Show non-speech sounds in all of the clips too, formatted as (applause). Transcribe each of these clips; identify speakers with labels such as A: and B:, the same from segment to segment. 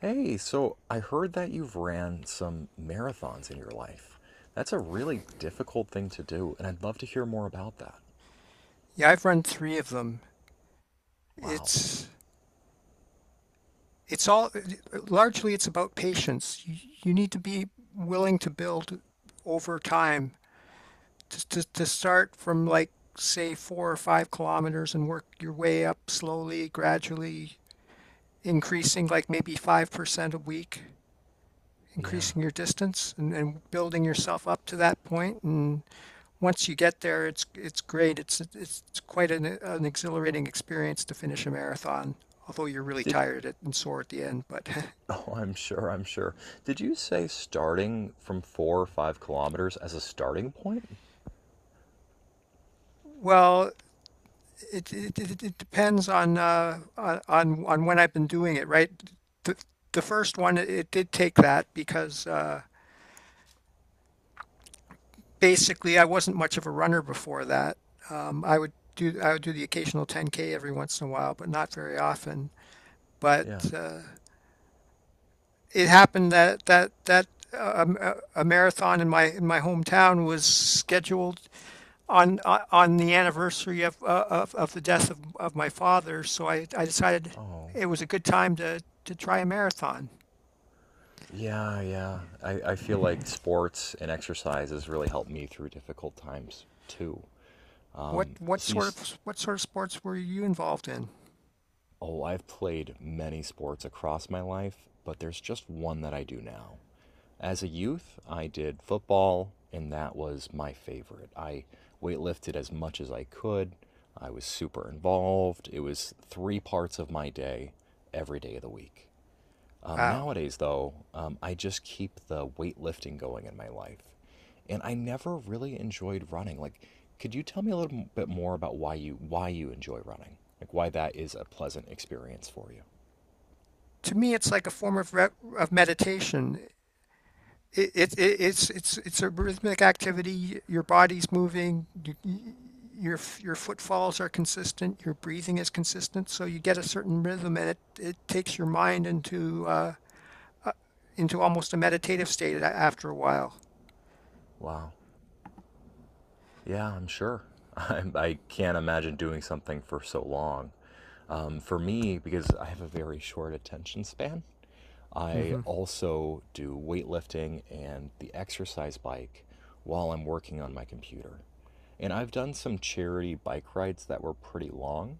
A: Hey, so I heard that you've ran some marathons in your life. That's a really difficult thing to do, and I'd love to hear more about that.
B: Yeah, I've run three of them.
A: Wow.
B: It's it's all largely it's about patience. You need to be willing to build over time to start from like say 4 or 5 kilometers and work your way up slowly, gradually increasing like maybe 5% a week,
A: Yeah.
B: increasing your distance and building yourself up to that point and once you get there, it's great. It's quite an exhilarating experience to finish a marathon, although you're really
A: Did,
B: tired at- and sore at the end. But
A: (laughs) oh, I'm sure, I'm sure. Did you say starting from 4 or 5 kilometers as a starting point?
B: (laughs) well, it depends on on when I've been doing it, right? The the first one it did take that because basically I wasn't much of a runner before that. I would do the occasional 10K every once in a while, but not very often. But
A: Yeah.
B: it happened that a marathon in my hometown was scheduled on the anniversary of of the death of my father. So I decided
A: Oh.
B: it was a good time to try a marathon.
A: Yeah, yeah. I feel like sports and exercise has really helped me through difficult times too.
B: What what
A: So you,
B: sort
A: s-
B: of what sort of sports were you involved in?
A: oh, I've played many sports across my life, but there's just one that I do now. As a youth, I did football, and that was my favorite. I weightlifted as much as I could. I was super involved. It was three parts of my day every day of the week. Um,
B: Wow.
A: nowadays, though, um, I just keep the weightlifting going in my life. And I never really enjoyed running. Like, could you tell me a little bit more about why you enjoy running? Like why that is a pleasant experience for you?
B: To me, it's like a form of meditation. It's it's a rhythmic activity. Your body's moving. Your your footfalls are consistent. Your breathing is consistent. So you get a certain rhythm, and it takes your mind into almost a meditative state after a while.
A: Wow. Yeah, I'm sure. (laughs) I can't imagine doing something for so long. For me, because I have a very short attention span, I
B: Hmm.
A: also do weightlifting and the exercise bike while I'm working on my computer. And I've done some charity bike rides that were pretty long,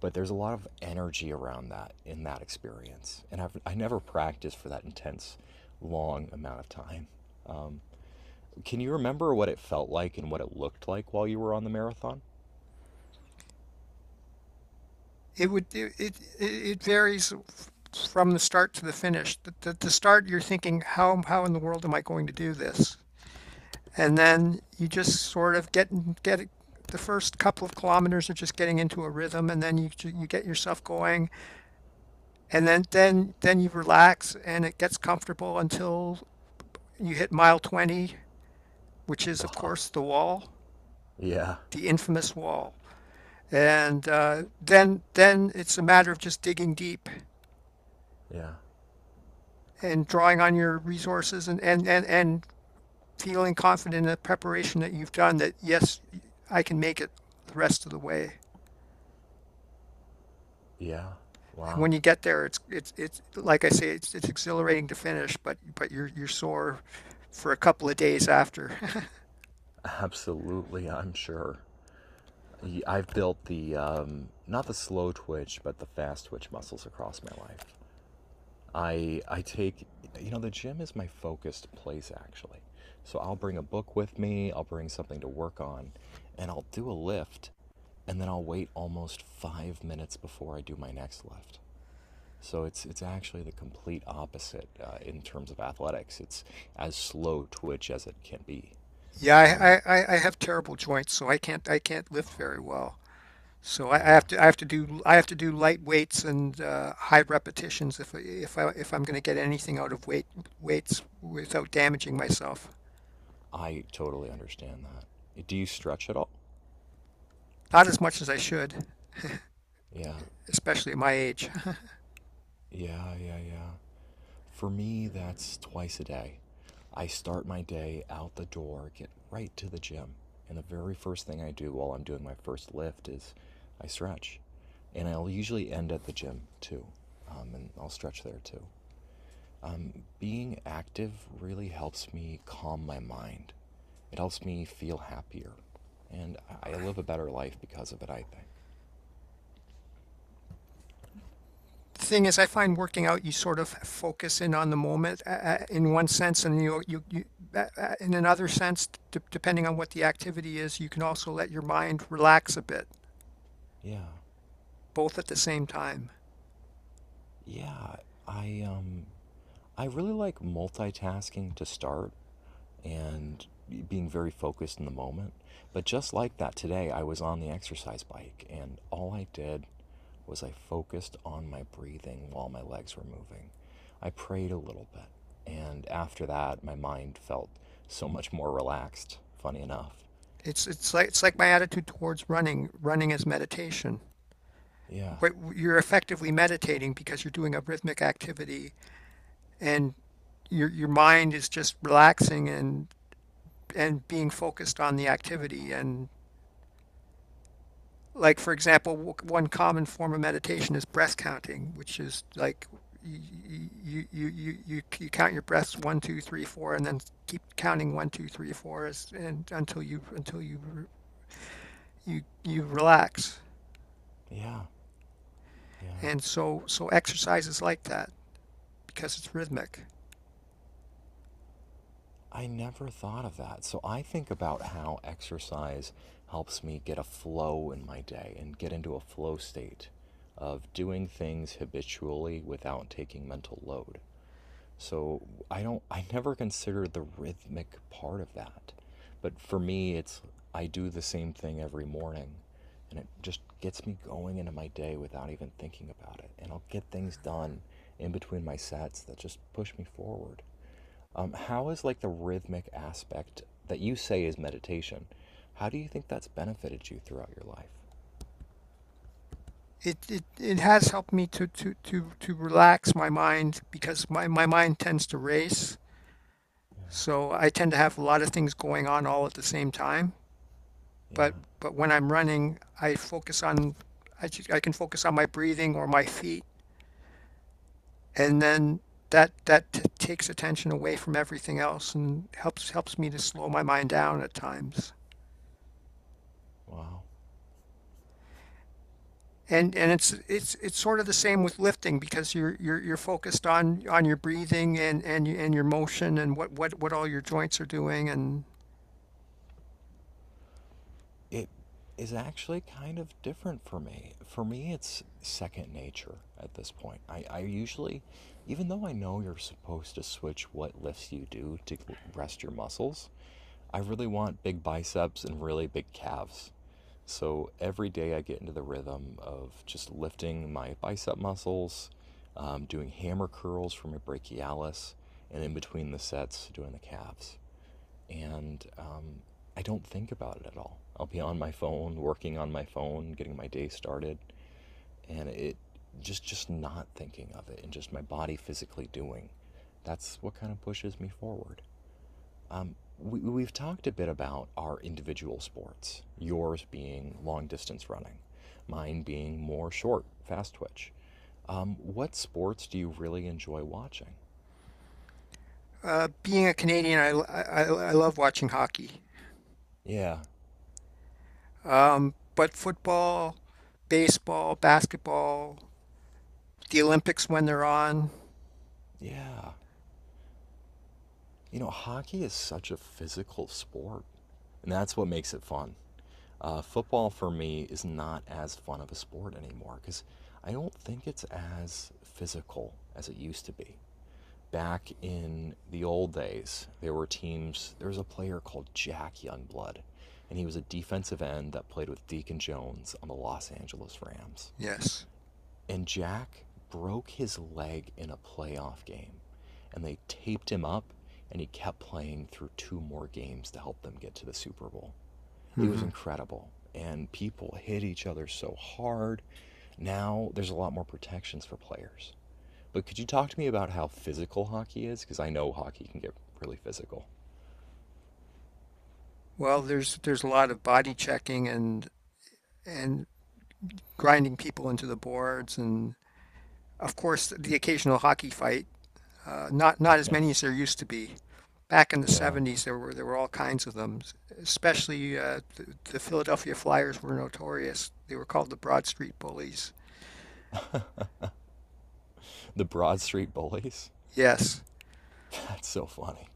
A: but there's a lot of energy around that in that experience. And I never practiced for that intense, long amount of time. Um, can you remember what it felt like and what it looked like while you were on the marathon?
B: It would it it, it varies from the start to the finish. The start, you're thinking, how in the world am I going to do this? And then you just sort of get, the first couple of kilometers are just getting into a rhythm, and then you get yourself going, and then you relax, and it gets comfortable until you hit mile 20, which is of
A: Wow.
B: course the wall,
A: Yeah.
B: the infamous wall. And then it's a matter of just digging deep
A: Yeah.
B: and drawing on your resources and feeling confident in the preparation that you've done that yes, I can make it the rest of the way.
A: Yeah.
B: And
A: Wow.
B: when you get there, it's like I say, it's exhilarating to finish, but you're sore for a couple of days after. (laughs)
A: Absolutely, I'm sure. I've built the not the slow twitch, but the fast twitch muscles across my life. I take the gym is my focused place actually. So I'll bring a book with me, I'll bring something to work on, and I'll do a lift, and then I'll wait almost 5 minutes before I do my next lift. So it's actually the complete opposite in terms of athletics. It's as slow twitch as it can be. Um,
B: Yeah, I have terrible joints, so I can't lift very
A: oh
B: well. So
A: yeah,
B: I have to do I have to do light weights and high repetitions if I'm going to get anything out of weights without damaging myself.
A: I totally understand that. Do you stretch at all?
B: Not as much as I should,
A: Yeah,
B: especially at my age.
A: yeah, yeah, yeah. For me, that's twice a day. I start my day out the door, get right to the gym, and the very first thing I do while I'm doing my first lift is I stretch, and I'll usually end at the gym too, and I'll stretch there too. Um, Being active really helps me calm my mind. It helps me feel happier. And I live a better life because of it, I think.
B: The thing is, I find working out, you sort of focus in on the moment in one sense, and you in another sense, d depending on what the activity is, you can also let your mind relax a bit,
A: Yeah.
B: both at the same time.
A: Yeah. I um I really like multitasking to start and being very focused in the moment. But just like that today, I was on the exercise bike and all I did was I focused on my breathing while my legs were moving. I prayed a little bit, and after that, my mind felt so much more relaxed, funny enough.
B: It's like my attitude towards running. Running is meditation.
A: Yeah,
B: What you're effectively meditating because you're doing a rhythmic activity, and your mind is just relaxing and being focused on the activity and like for example one common form of meditation is breath counting which is like you you count your breaths 1 2 3 4 and then keep counting 1 2 3 4 and until you relax
A: yeah, yeah.
B: and so exercise is like that because it's rhythmic.
A: I never thought of that. So I think about how exercise helps me get a flow in my day and get into a flow state of doing things habitually without taking mental load. So I never consider the rhythmic part of that. But for me it's I do the same thing every morning and it just gets me going into my day without even thinking about it. And I'll get things done in between my sets that just push me forward. How is like the rhythmic aspect that you say is meditation? How do you think that's benefited you throughout your life?
B: It has helped me to relax my mind because my mind tends to race. So I tend to have a lot of things going on all at the same time.
A: Yeah.
B: But but when I'm running, I focus on I can focus on my breathing or my feet, and then takes attention away from everything else and helps me to slow my mind down at times.
A: Wow.
B: And it's sort of the same with lifting because you're focused on your breathing and and your motion and what all your joints are doing and
A: It is actually kind of different for me. For me, it's second nature at this point. I usually, even though I know you're supposed to switch what lifts you do to rest your muscles, I really want big biceps and really big calves. So every day I get into the rhythm of just lifting my bicep muscles, doing hammer curls for my brachialis, and in between the sets, doing the calves and I don't think about it at all. I'll be on my phone, working on my phone, getting my day started, and it just not thinking of it and just my body physically doing. That's what kind of pushes me forward. We've talked a bit about our individual sports, yours being long distance running, mine being more short, fast twitch. What sports do you really enjoy watching?
B: being a Canadian, I, l- I love watching hockey.
A: Yeah,
B: But football, baseball, basketball. The Olympics when they're on.
A: yeah. You know, hockey is such a physical sport, and that's what makes it fun. Football for me is not as fun of a sport anymore because I don't think it's as physical as it used to be. Back in the old days, there were teams, there was a player called Jack Youngblood, and he was a defensive end that played with Deacon Jones on the Los Angeles Rams.
B: Yes.
A: And Jack broke his leg in a playoff game, and they taped him up, and he kept playing through two more games to help them get to the Super Bowl. It was
B: Hmm.
A: incredible, and people hit each other so hard. Now there's a lot more protections for players. But could you talk to me about how physical hockey is? Because I know hockey can get really physical.
B: Well, there's a lot of body checking and grinding people into the boards, and of course the occasional hockey fight. Not
A: (laughs)
B: as
A: Yeah,
B: many as there used to be. Back in the
A: yeah.
B: 70s, there were all kinds of them. Especially the Philadelphia Flyers were notorious. They were called the Broad Street Bullies.
A: The Broad Street Bullies.
B: Yes.
A: (laughs) That's so funny.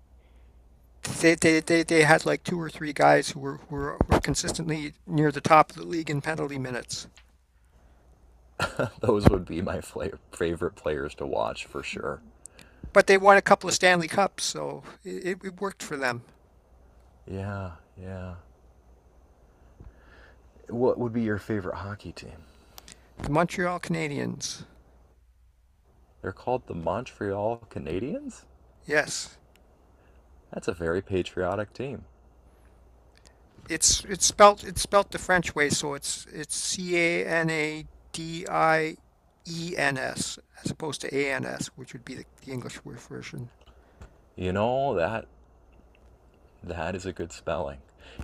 B: They had like two or three guys who were consistently near the top of the league in penalty minutes.
A: (laughs) Those would be my favorite players to watch for sure.
B: But they won a couple of Stanley Cups, so it worked for them.
A: Yeah, yeah. What would be your favorite hockey team?
B: The Montreal Canadiens.
A: They're called the Montreal Canadiens?
B: Yes,
A: That's a very patriotic team.
B: it's spelt the French way, so it's CANADIENS as opposed to ANS, which would be the English word version.
A: You know, that is a good spelling.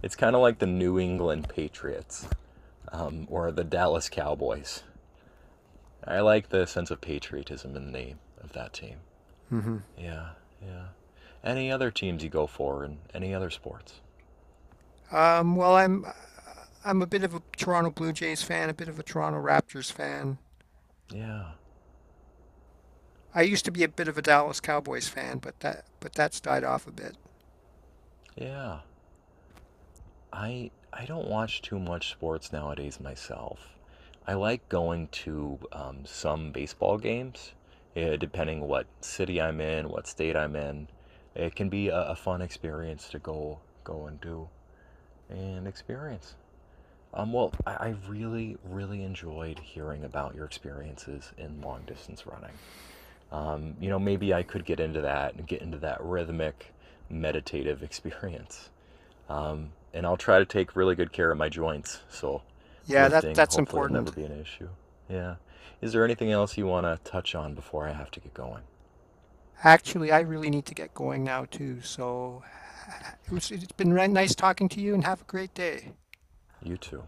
A: It's kind of like the New England Patriots or the Dallas Cowboys. I like the sense of patriotism in the name of that team.
B: Hmm.
A: Yeah, yeah. Any other teams you go for in any other sports?
B: Well, I'm a bit of a Toronto Blue Jays fan, a bit of a Toronto Raptors fan.
A: Yeah,
B: I used to be a bit of a Dallas Cowboys fan, but that's died off a bit.
A: yeah. I don't watch too much sports nowadays myself. I like going to some baseball games, eh, depending what city I'm in, what state I'm in. It can be a fun experience to go and do and experience. I really really enjoyed hearing about your experiences in long distance running. You know, maybe I could get into that and get into that rhythmic, meditative (laughs) experience. And I'll try to take really good care of my joints. So
B: Yeah, that
A: lifting
B: that's
A: hopefully will never
B: important.
A: be an issue. Yeah. Is there anything else you want to touch on before I have to get going?
B: Actually, I really need to get going now too. So it was, it's been nice talking to you and have a great day.
A: You too.